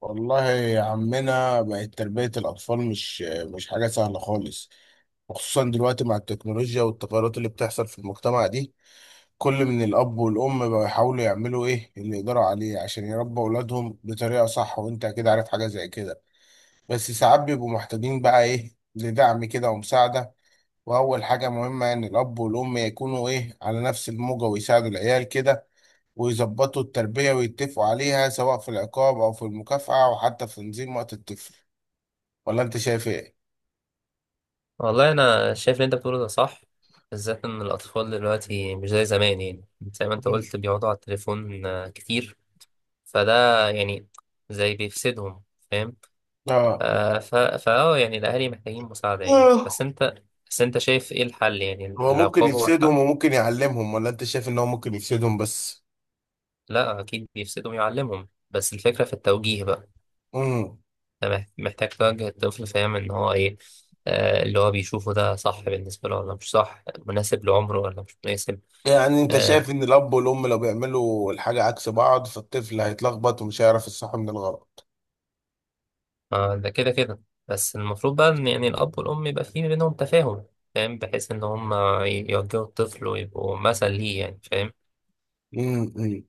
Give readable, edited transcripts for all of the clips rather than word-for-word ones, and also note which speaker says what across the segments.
Speaker 1: والله يا عمنا، بقت تربية الأطفال مش حاجة سهلة خالص. وخصوصا دلوقتي مع التكنولوجيا والتغيرات اللي بتحصل في المجتمع دي، كل من الأب والأم بقوا يحاولوا يعملوا إيه اللي يقدروا عليه عشان يربوا أولادهم بطريقة صح، وأنت أكيد عارف حاجة زي كده. بس ساعات بيبقوا محتاجين بقى إيه، لدعم كده ومساعدة. وأول حاجة مهمة إن الأب والأم يكونوا إيه، على نفس الموجة ويساعدوا العيال كده، ويظبطوا التربية ويتفقوا عليها، سواء في العقاب أو في المكافأة أو حتى في تنظيم وقت الطفل. ولا أنت شايف إيه؟
Speaker 2: والله انا شايف اللي انت بتقوله ده صح، بالذات ان الاطفال دلوقتي مش زي زمان. يعني زي ما انت
Speaker 1: مم.
Speaker 2: قلت بيقعدوا على التليفون كتير. فده يعني زي بيفسدهم، فاهم؟
Speaker 1: آه.
Speaker 2: آه ف فاه يعني الاهالي محتاجين مساعده يعني.
Speaker 1: آه.
Speaker 2: بس انت شايف ايه الحل؟ يعني
Speaker 1: هو ممكن
Speaker 2: العقاب هو
Speaker 1: يفسدهم
Speaker 2: الحل؟
Speaker 1: وممكن يعلمهم، ولا أنت شايف إن هو ممكن يفسدهم بس؟
Speaker 2: لا اكيد بيفسدهم يعلمهم بس الفكره في التوجيه بقى.
Speaker 1: مم.
Speaker 2: أنت محتاج توجه الطفل، فاهم ان هو ايه اللي هو بيشوفه ده صح بالنسبة له ولا مش صح، مناسب لعمره ولا مش مناسب.
Speaker 1: يعني أنت
Speaker 2: آه،
Speaker 1: شايف إن الأب والأم لو بيعملوا الحاجة عكس بعض، فالطفل هيتلخبط ومش هيعرف الصح من الغلط.
Speaker 2: آه، ده كده كده. بس المفروض بقى ان يعني الاب والام يبقى في بينهم تفاهم، فاهم؟ بحيث ان هم يوجهوا الطفل ويبقوا مثل ليه، يعني فاهم.
Speaker 1: مم. مم.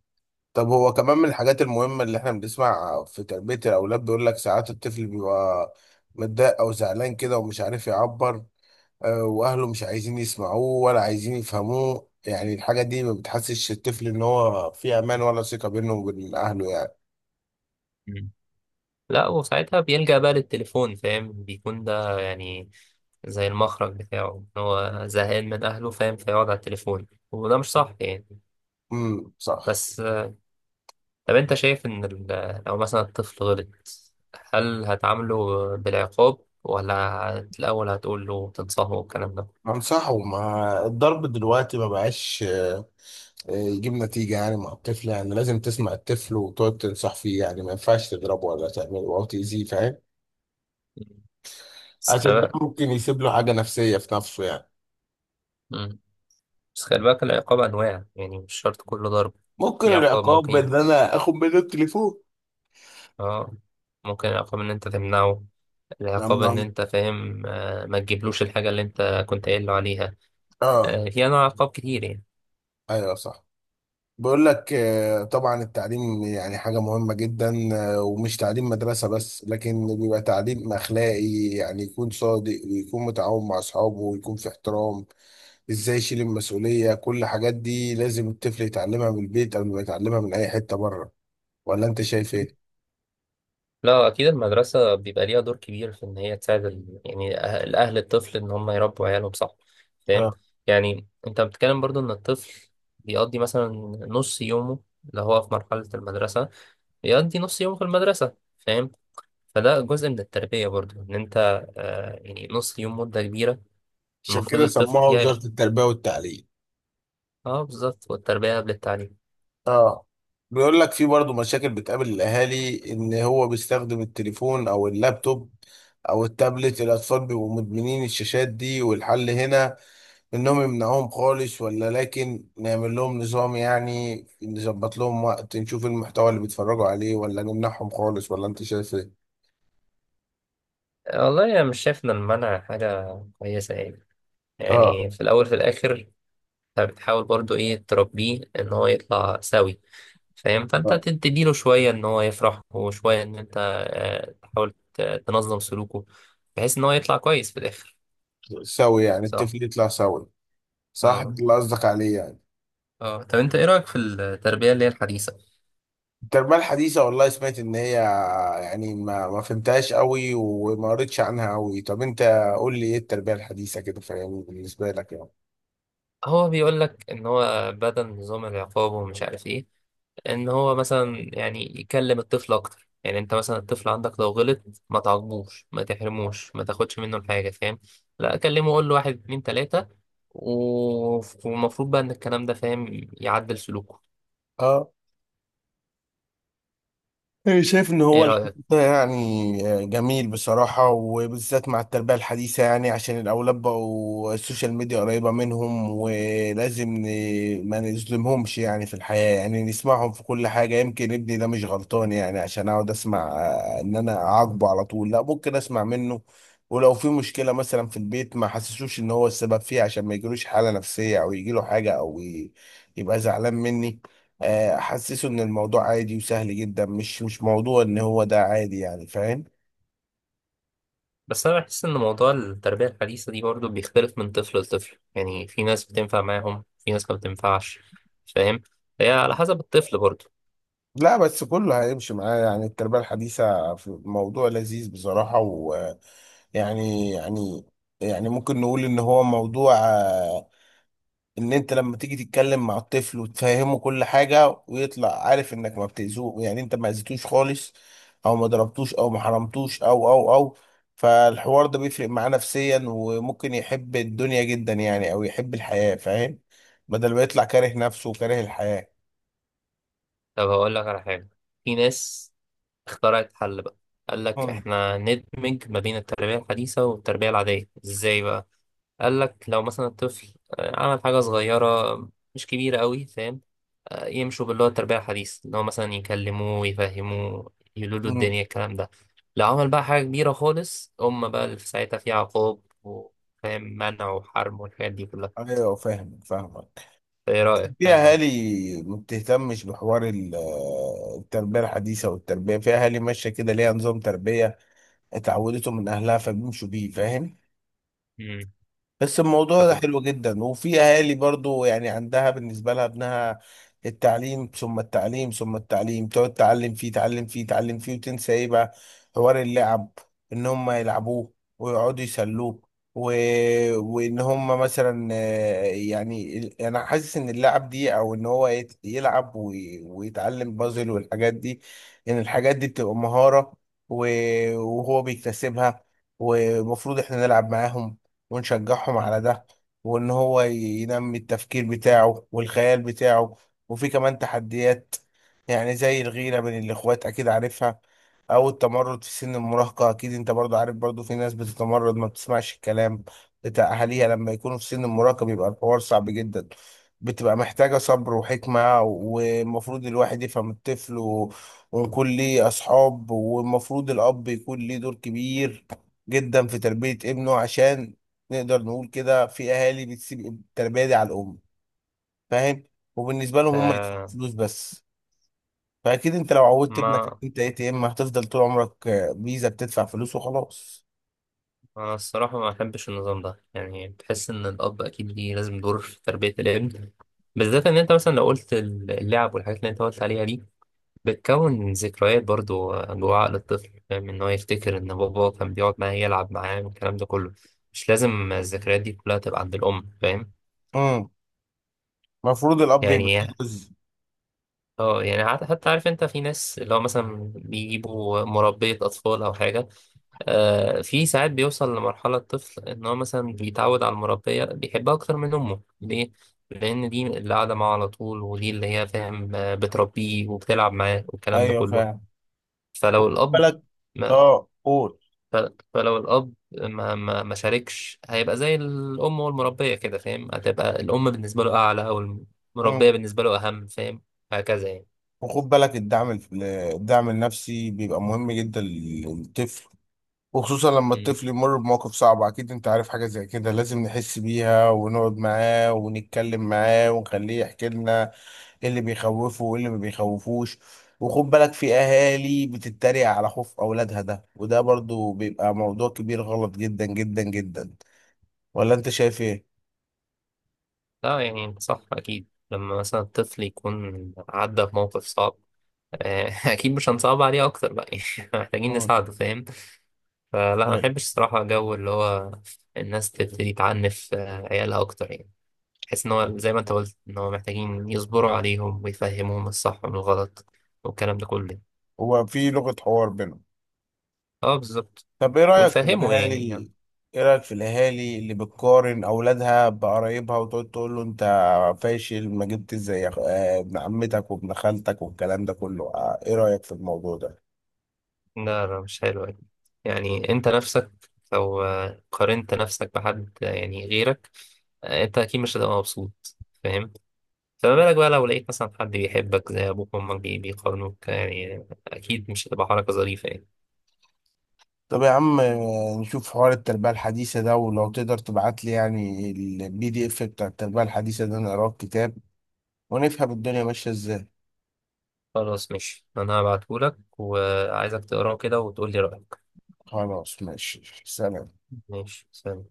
Speaker 1: طب هو كمان من الحاجات المهمة اللي إحنا بنسمع في تربية الأولاد، بيقول لك ساعات الطفل بيبقى متضايق أو زعلان كده ومش عارف يعبر، واهله مش عايزين يسمعوه ولا عايزين يفهموه. يعني الحاجه دي ما بتحسش الطفل ان هو في امان، ولا ثقه بينه وبين اهله يعني.
Speaker 2: مم. لا وساعتها بيلجأ بقى للتليفون، فاهم؟ بيكون ده يعني زي المخرج بتاعه إن هو زهقان من اهله، فاهم؟ فيقعد على التليفون وده مش صح يعني.
Speaker 1: صح.
Speaker 2: بس آه، طب انت شايف ان لو مثلا الطفل غلط هل هتعامله بالعقاب ولا الاول هتقول له تنصحه والكلام ده؟
Speaker 1: انصحه، ما الضرب دلوقتي ما بقاش يجيب نتيجه يعني مع الطفل. يعني لازم تسمع الطفل وتقعد تنصح فيه، يعني ما ينفعش تضربه ولا تعمله او تاذيه، فاهم؟
Speaker 2: بس
Speaker 1: عشان ده
Speaker 2: خلي
Speaker 1: ممكن يسيب له حاجه نفسيه في نفسه يعني.
Speaker 2: بالك بس خلي بالك، العقاب أنواع يعني مش شرط كله ضرب.
Speaker 1: ممكن
Speaker 2: في عقاب
Speaker 1: العقاب
Speaker 2: ممكن،
Speaker 1: ان انا اخد منه التليفون.
Speaker 2: اه ممكن العقاب إن أنت تمنعه،
Speaker 1: نعم،
Speaker 2: العقاب إن
Speaker 1: نعم.
Speaker 2: أنت فاهم آه ما تجيبلوش الحاجة اللي أنت كنت قايل له عليها.
Speaker 1: اه.
Speaker 2: آه في أنواع عقاب كتير يعني.
Speaker 1: ايوه، صح. بقول لك طبعا التعليم يعني حاجة مهمة جدا. ومش تعليم مدرسة بس، لكن بيبقى تعليم أخلاقي. يعني يكون صادق، ويكون متعاون مع أصحابه، ويكون في احترام، إزاي يشيل المسؤولية. كل الحاجات دي لازم الطفل يتعلمها من البيت، قبل ما يتعلمها من أي حتة بره. ولا أنت شايف إيه؟
Speaker 2: لا أكيد المدرسة بيبقى ليها دور كبير في إن هي تساعد ال... يعني الأهل، الطفل إن هم يربوا عيالهم صح، فاهم؟
Speaker 1: اه.
Speaker 2: يعني أنت بتتكلم برضو إن الطفل بيقضي مثلا نص يومه، اللي هو في مرحلة المدرسة بيقضي نص يومه في المدرسة، فاهم؟ فده جزء من التربية برضو. إن أنت آه يعني نص يوم مدة كبيرة
Speaker 1: عشان
Speaker 2: المفروض
Speaker 1: كده
Speaker 2: الطفل
Speaker 1: سموها
Speaker 2: فيها.
Speaker 1: وزارة التربية والتعليم.
Speaker 2: اه بالظبط، والتربية قبل التعليم.
Speaker 1: اه. بيقول لك في برضه مشاكل بتقابل الاهالي، ان هو بيستخدم التليفون او اللابتوب او التابلت. الاطفال بيبقوا مدمنين الشاشات دي، والحل هنا انهم يمنعوهم خالص، ولا لكن نعمل لهم نظام يعني، نظبط لهم وقت، نشوف المحتوى اللي بيتفرجوا عليه، ولا نمنعهم خالص؟ ولا انت شايف ايه؟
Speaker 2: آه، والله أنا مش شايف إن المنع حاجة كويسة يعني.
Speaker 1: اه.
Speaker 2: يعني في الأول في الآخر أنت بتحاول برضو إيه تربيه إن هو يطلع سوي، فاهم؟ فأنت
Speaker 1: آه.
Speaker 2: تديله شوية إن هو يفرح وشوية إن أنت آه تحاول تنظم سلوكه بحيث إن هو يطلع كويس في الآخر.
Speaker 1: سوي، يعني
Speaker 2: صح؟
Speaker 1: الطفل يطلع سوي. صح،
Speaker 2: اه
Speaker 1: ده اللي قصدك عليه يعني.
Speaker 2: اه، طب أنت إيه رأيك في التربية اللي هي الحديثة؟
Speaker 1: التربية الحديثة، والله سمعت إن هي يعني، ما فهمتهاش قوي، وما قريتش عنها قوي. طب أنت قول لي إيه التربية الحديثة كده، فاهم، بالنسبة لك يعني.
Speaker 2: هو بيقول لك ان هو بدل نظام العقاب ومش عارف ايه، ان هو مثلا يعني يكلم الطفل اكتر. يعني انت مثلا الطفل عندك لو غلط ما تعاقبوش ما تحرموش ما تاخدش منه الحاجه، فاهم؟ لا اكلمه، اقول له واحد اتنين تلاته، والمفروض بقى ان الكلام ده فاهم يعدل سلوكه.
Speaker 1: آه. إيه، شايف ان
Speaker 2: ايه
Speaker 1: هو الحوار
Speaker 2: رايك؟
Speaker 1: ده يعني جميل بصراحة، وبالذات مع التربية الحديثة. يعني عشان الاولاد بقوا السوشيال ميديا قريبة منهم، ولازم ما نظلمهمش يعني في الحياة. يعني نسمعهم في كل حاجة، يمكن ابني ده مش غلطان يعني، عشان اقعد اسمع ان انا اعاقبه على طول. لا، ممكن اسمع منه. ولو في مشكلة مثلا في البيت، ما حسسوش ان هو السبب فيها، عشان ما يجيلوش حالة نفسية، او يجيله حاجة، او يبقى زعلان مني. احسسه ان الموضوع عادي وسهل جدا، مش موضوع ان هو ده، عادي يعني، فاهم؟
Speaker 2: بس انا بحس ان موضوع التربيه الحديثه دي برضه بيختلف من طفل لطفل، يعني في ناس بتنفع معاهم في ناس ما بتنفعش، فاهم؟ هي على حسب الطفل برضه.
Speaker 1: لا، بس كله هيمشي معاه. يعني التربية الحديثة في موضوع لذيذ بصراحة، و يعني يعني يعني ممكن نقول ان هو موضوع، ان انت لما تيجي تتكلم مع الطفل وتفهمه كل حاجة، ويطلع عارف انك ما بتأذوه. يعني انت ما أذيتوش خالص، او ما ضربتوش، او ما حرمتوش او او او فالحوار ده بيفرق معاه نفسيا، وممكن يحب الدنيا جدا يعني، او يحب الحياة، فاهم؟ بدل ما يطلع كاره نفسه وكاره الحياة.
Speaker 2: طب هقول لك على حاجه، في ناس اخترعت حل بقى، قال لك
Speaker 1: مم.
Speaker 2: احنا ندمج ما بين التربية الحديثة والتربية العادية. ازاي بقى؟ قال لك لو مثلا الطفل آه، عمل حاجة صغيرة مش كبيرة قوي، فاهم؟ آه، يمشوا باللي هو التربية الحديثة، اللي هو مثلا يكلموه يفهموه يقولوا له
Speaker 1: مم.
Speaker 2: الدنيا الكلام ده. لو عمل بقى حاجة كبيرة خالص، هم بقى اللي في ساعتها في عقاب وفاهم منع وحرم والحاجات دي كلها.
Speaker 1: ايوه، فاهم، فاهمك.
Speaker 2: ايه رأيك
Speaker 1: في
Speaker 2: الكلام ده؟
Speaker 1: اهالي ما بتهتمش بحوار التربيه الحديثه. والتربيه في اهالي ماشيه كده، ليها نظام تربيه اتعودته من اهلها، فبيمشوا بيه، فاهم؟
Speaker 2: مم.
Speaker 1: بس الموضوع
Speaker 2: طب
Speaker 1: ده حلو جدا. وفي اهالي برضو يعني، عندها بالنسبه لها ابنها التعليم، ثم التعليم، ثم التعليم. تقعد تعلم فيه، تعلم فيه، تعلم فيه، وتنسى ايه بقى؟ حوار اللعب، ان هم يلعبوه، ويقعدوا يسلوه، و... وان هم مثلا يعني انا حاسس ان اللعب دي، او ان هو يلعب ويتعلم بازل والحاجات دي، ان الحاجات دي بتبقى مهاره، و... وهو بيكتسبها. ومفروض احنا نلعب معاهم، ونشجعهم
Speaker 2: مم.
Speaker 1: على ده. وان هو ينمي التفكير بتاعه والخيال بتاعه. وفي كمان تحديات، يعني زي الغيرة بين الاخوات، اكيد عارفها، او التمرد في سن المراهقة. اكيد انت برضو عارف، برضو في ناس بتتمرد، ما بتسمعش الكلام بتاع اهاليها. لما يكونوا في سن المراهقة، بيبقى الحوار صعب جدا، بتبقى محتاجة صبر وحكمة. والمفروض الواحد يفهم الطفل ويكون ليه أصحاب. والمفروض الأب يكون ليه دور كبير جدا في تربية ابنه، عشان نقدر نقول كده. في اهالي بتسيب التربيه دي على الام، فاهم؟ وبالنسبه لهم هم يدفعوا
Speaker 2: آه
Speaker 1: فلوس بس. فاكيد انت لو عودت ابنك إن
Speaker 2: ما
Speaker 1: انت ATM، هتفضل طول عمرك فيزا بتدفع فلوس وخلاص.
Speaker 2: أنا الصراحة ما أحبش النظام ده، يعني بتحس إن الأب أكيد ليه لازم دور في تربية الابن. بالذات إن أنت مثلا لو قلت اللعب والحاجات اللي أنت قلت عليها دي بتكون ذكريات برضو جوه عقل الطفل، فاهم؟ إن هو يفتكر إن بابا كان بيقعد معاه يلعب معاه والكلام ده كله. مش لازم الذكريات دي كلها تبقى عند الأم، فاهم؟
Speaker 1: امم المفروض الاب يبقى فيه
Speaker 2: يعني
Speaker 1: جزء.
Speaker 2: اه يعني حتى عارف انت في ناس اللي هو مثلا بيجيبوا مربية أطفال أو حاجة. آه في ساعات بيوصل لمرحلة الطفل إن هو مثلا بيتعود على المربية بيحبها أكتر من أمه. ليه؟ لأن دي اللي قاعدة معاه على طول، ودي اللي هي فاهم آه، بتربيه وبتلعب معاه والكلام ده
Speaker 1: ايوه،
Speaker 2: كله.
Speaker 1: فاهم. خد
Speaker 2: فلو الأب
Speaker 1: بالك.
Speaker 2: ما
Speaker 1: اه، قول.
Speaker 2: ف- فلو الأب ما شاركش هيبقى زي الأم والمربية كده، فاهم؟ هتبقى الأم بالنسبة له أعلى أو
Speaker 1: امم
Speaker 2: المربية بالنسبة له أهم، فاهم؟ هكذا يعني.
Speaker 1: وخد بالك الدعم الدعم النفسي بيبقى مهم جدا للطفل. وخصوصا لما الطفل يمر بمواقف صعبة، أكيد أنت عارف حاجة زي كده، لازم نحس بيها، ونقعد معاه، ونتكلم معاه، ونخليه يحكي لنا ايه اللي بيخوفه وايه اللي ما بيخوفوش. وخد بالك، في اهالي بتتريق على خوف اولادها، ده وده برضو بيبقى موضوع كبير، غلط جدا جدا جدا. ولا انت شايف ايه؟
Speaker 2: لا يعني انت صح، أكيد لما مثلا الطفل يكون عدى بموقف صعب آه، أكيد مش هنصعب عليه أكتر بقى يعني محتاجين
Speaker 1: آه.
Speaker 2: نساعده، فاهم؟ فلا ما
Speaker 1: لا.
Speaker 2: بحبش الصراحة جو اللي هو الناس تبتدي تعنف عيالها أكتر يعني. بحس إن هو زي ما أنت قلت إن هو محتاجين يصبروا عليهم ويفهموهم الصح من الغلط والكلام ده كله.
Speaker 1: هو في لغة حوار بينهم.
Speaker 2: أه بالظبط،
Speaker 1: طب ايه رأيك في
Speaker 2: ويفهموا
Speaker 1: الاهالي
Speaker 2: يعني يعني.
Speaker 1: ايه رأيك في الاهالي اللي بتقارن اولادها بقرايبها، وتقعد تقول له: انت فاشل، ما جبتش زي ابن عمتك وابن خالتك والكلام ده كله؟ ايه رأيك في الموضوع ده؟
Speaker 2: لا لا مش حلو أكيد. يعني أنت نفسك لو قارنت نفسك بحد يعني غيرك أنت أكيد مش هتبقى مبسوط، فاهم؟ فما بالك بقى لو لقيت مثلا حد بيحبك زي أبوك وأمك بيقارنوك، يعني أكيد مش هتبقى حركة ظريفة يعني.
Speaker 1: طب يا عم نشوف حوار التربية الحديثة ده. ولو تقدر تبعت لي يعني الـPDF بتاع التربية الحديثة ده، نقراه في كتاب، ونفهم الدنيا ماشية ازاي.
Speaker 2: خلاص ماشي، أنا هبعتهولك وعايزك تقراه كده وتقولي رأيك.
Speaker 1: خلاص، ماشي، سلام.
Speaker 2: ماشي، سلام.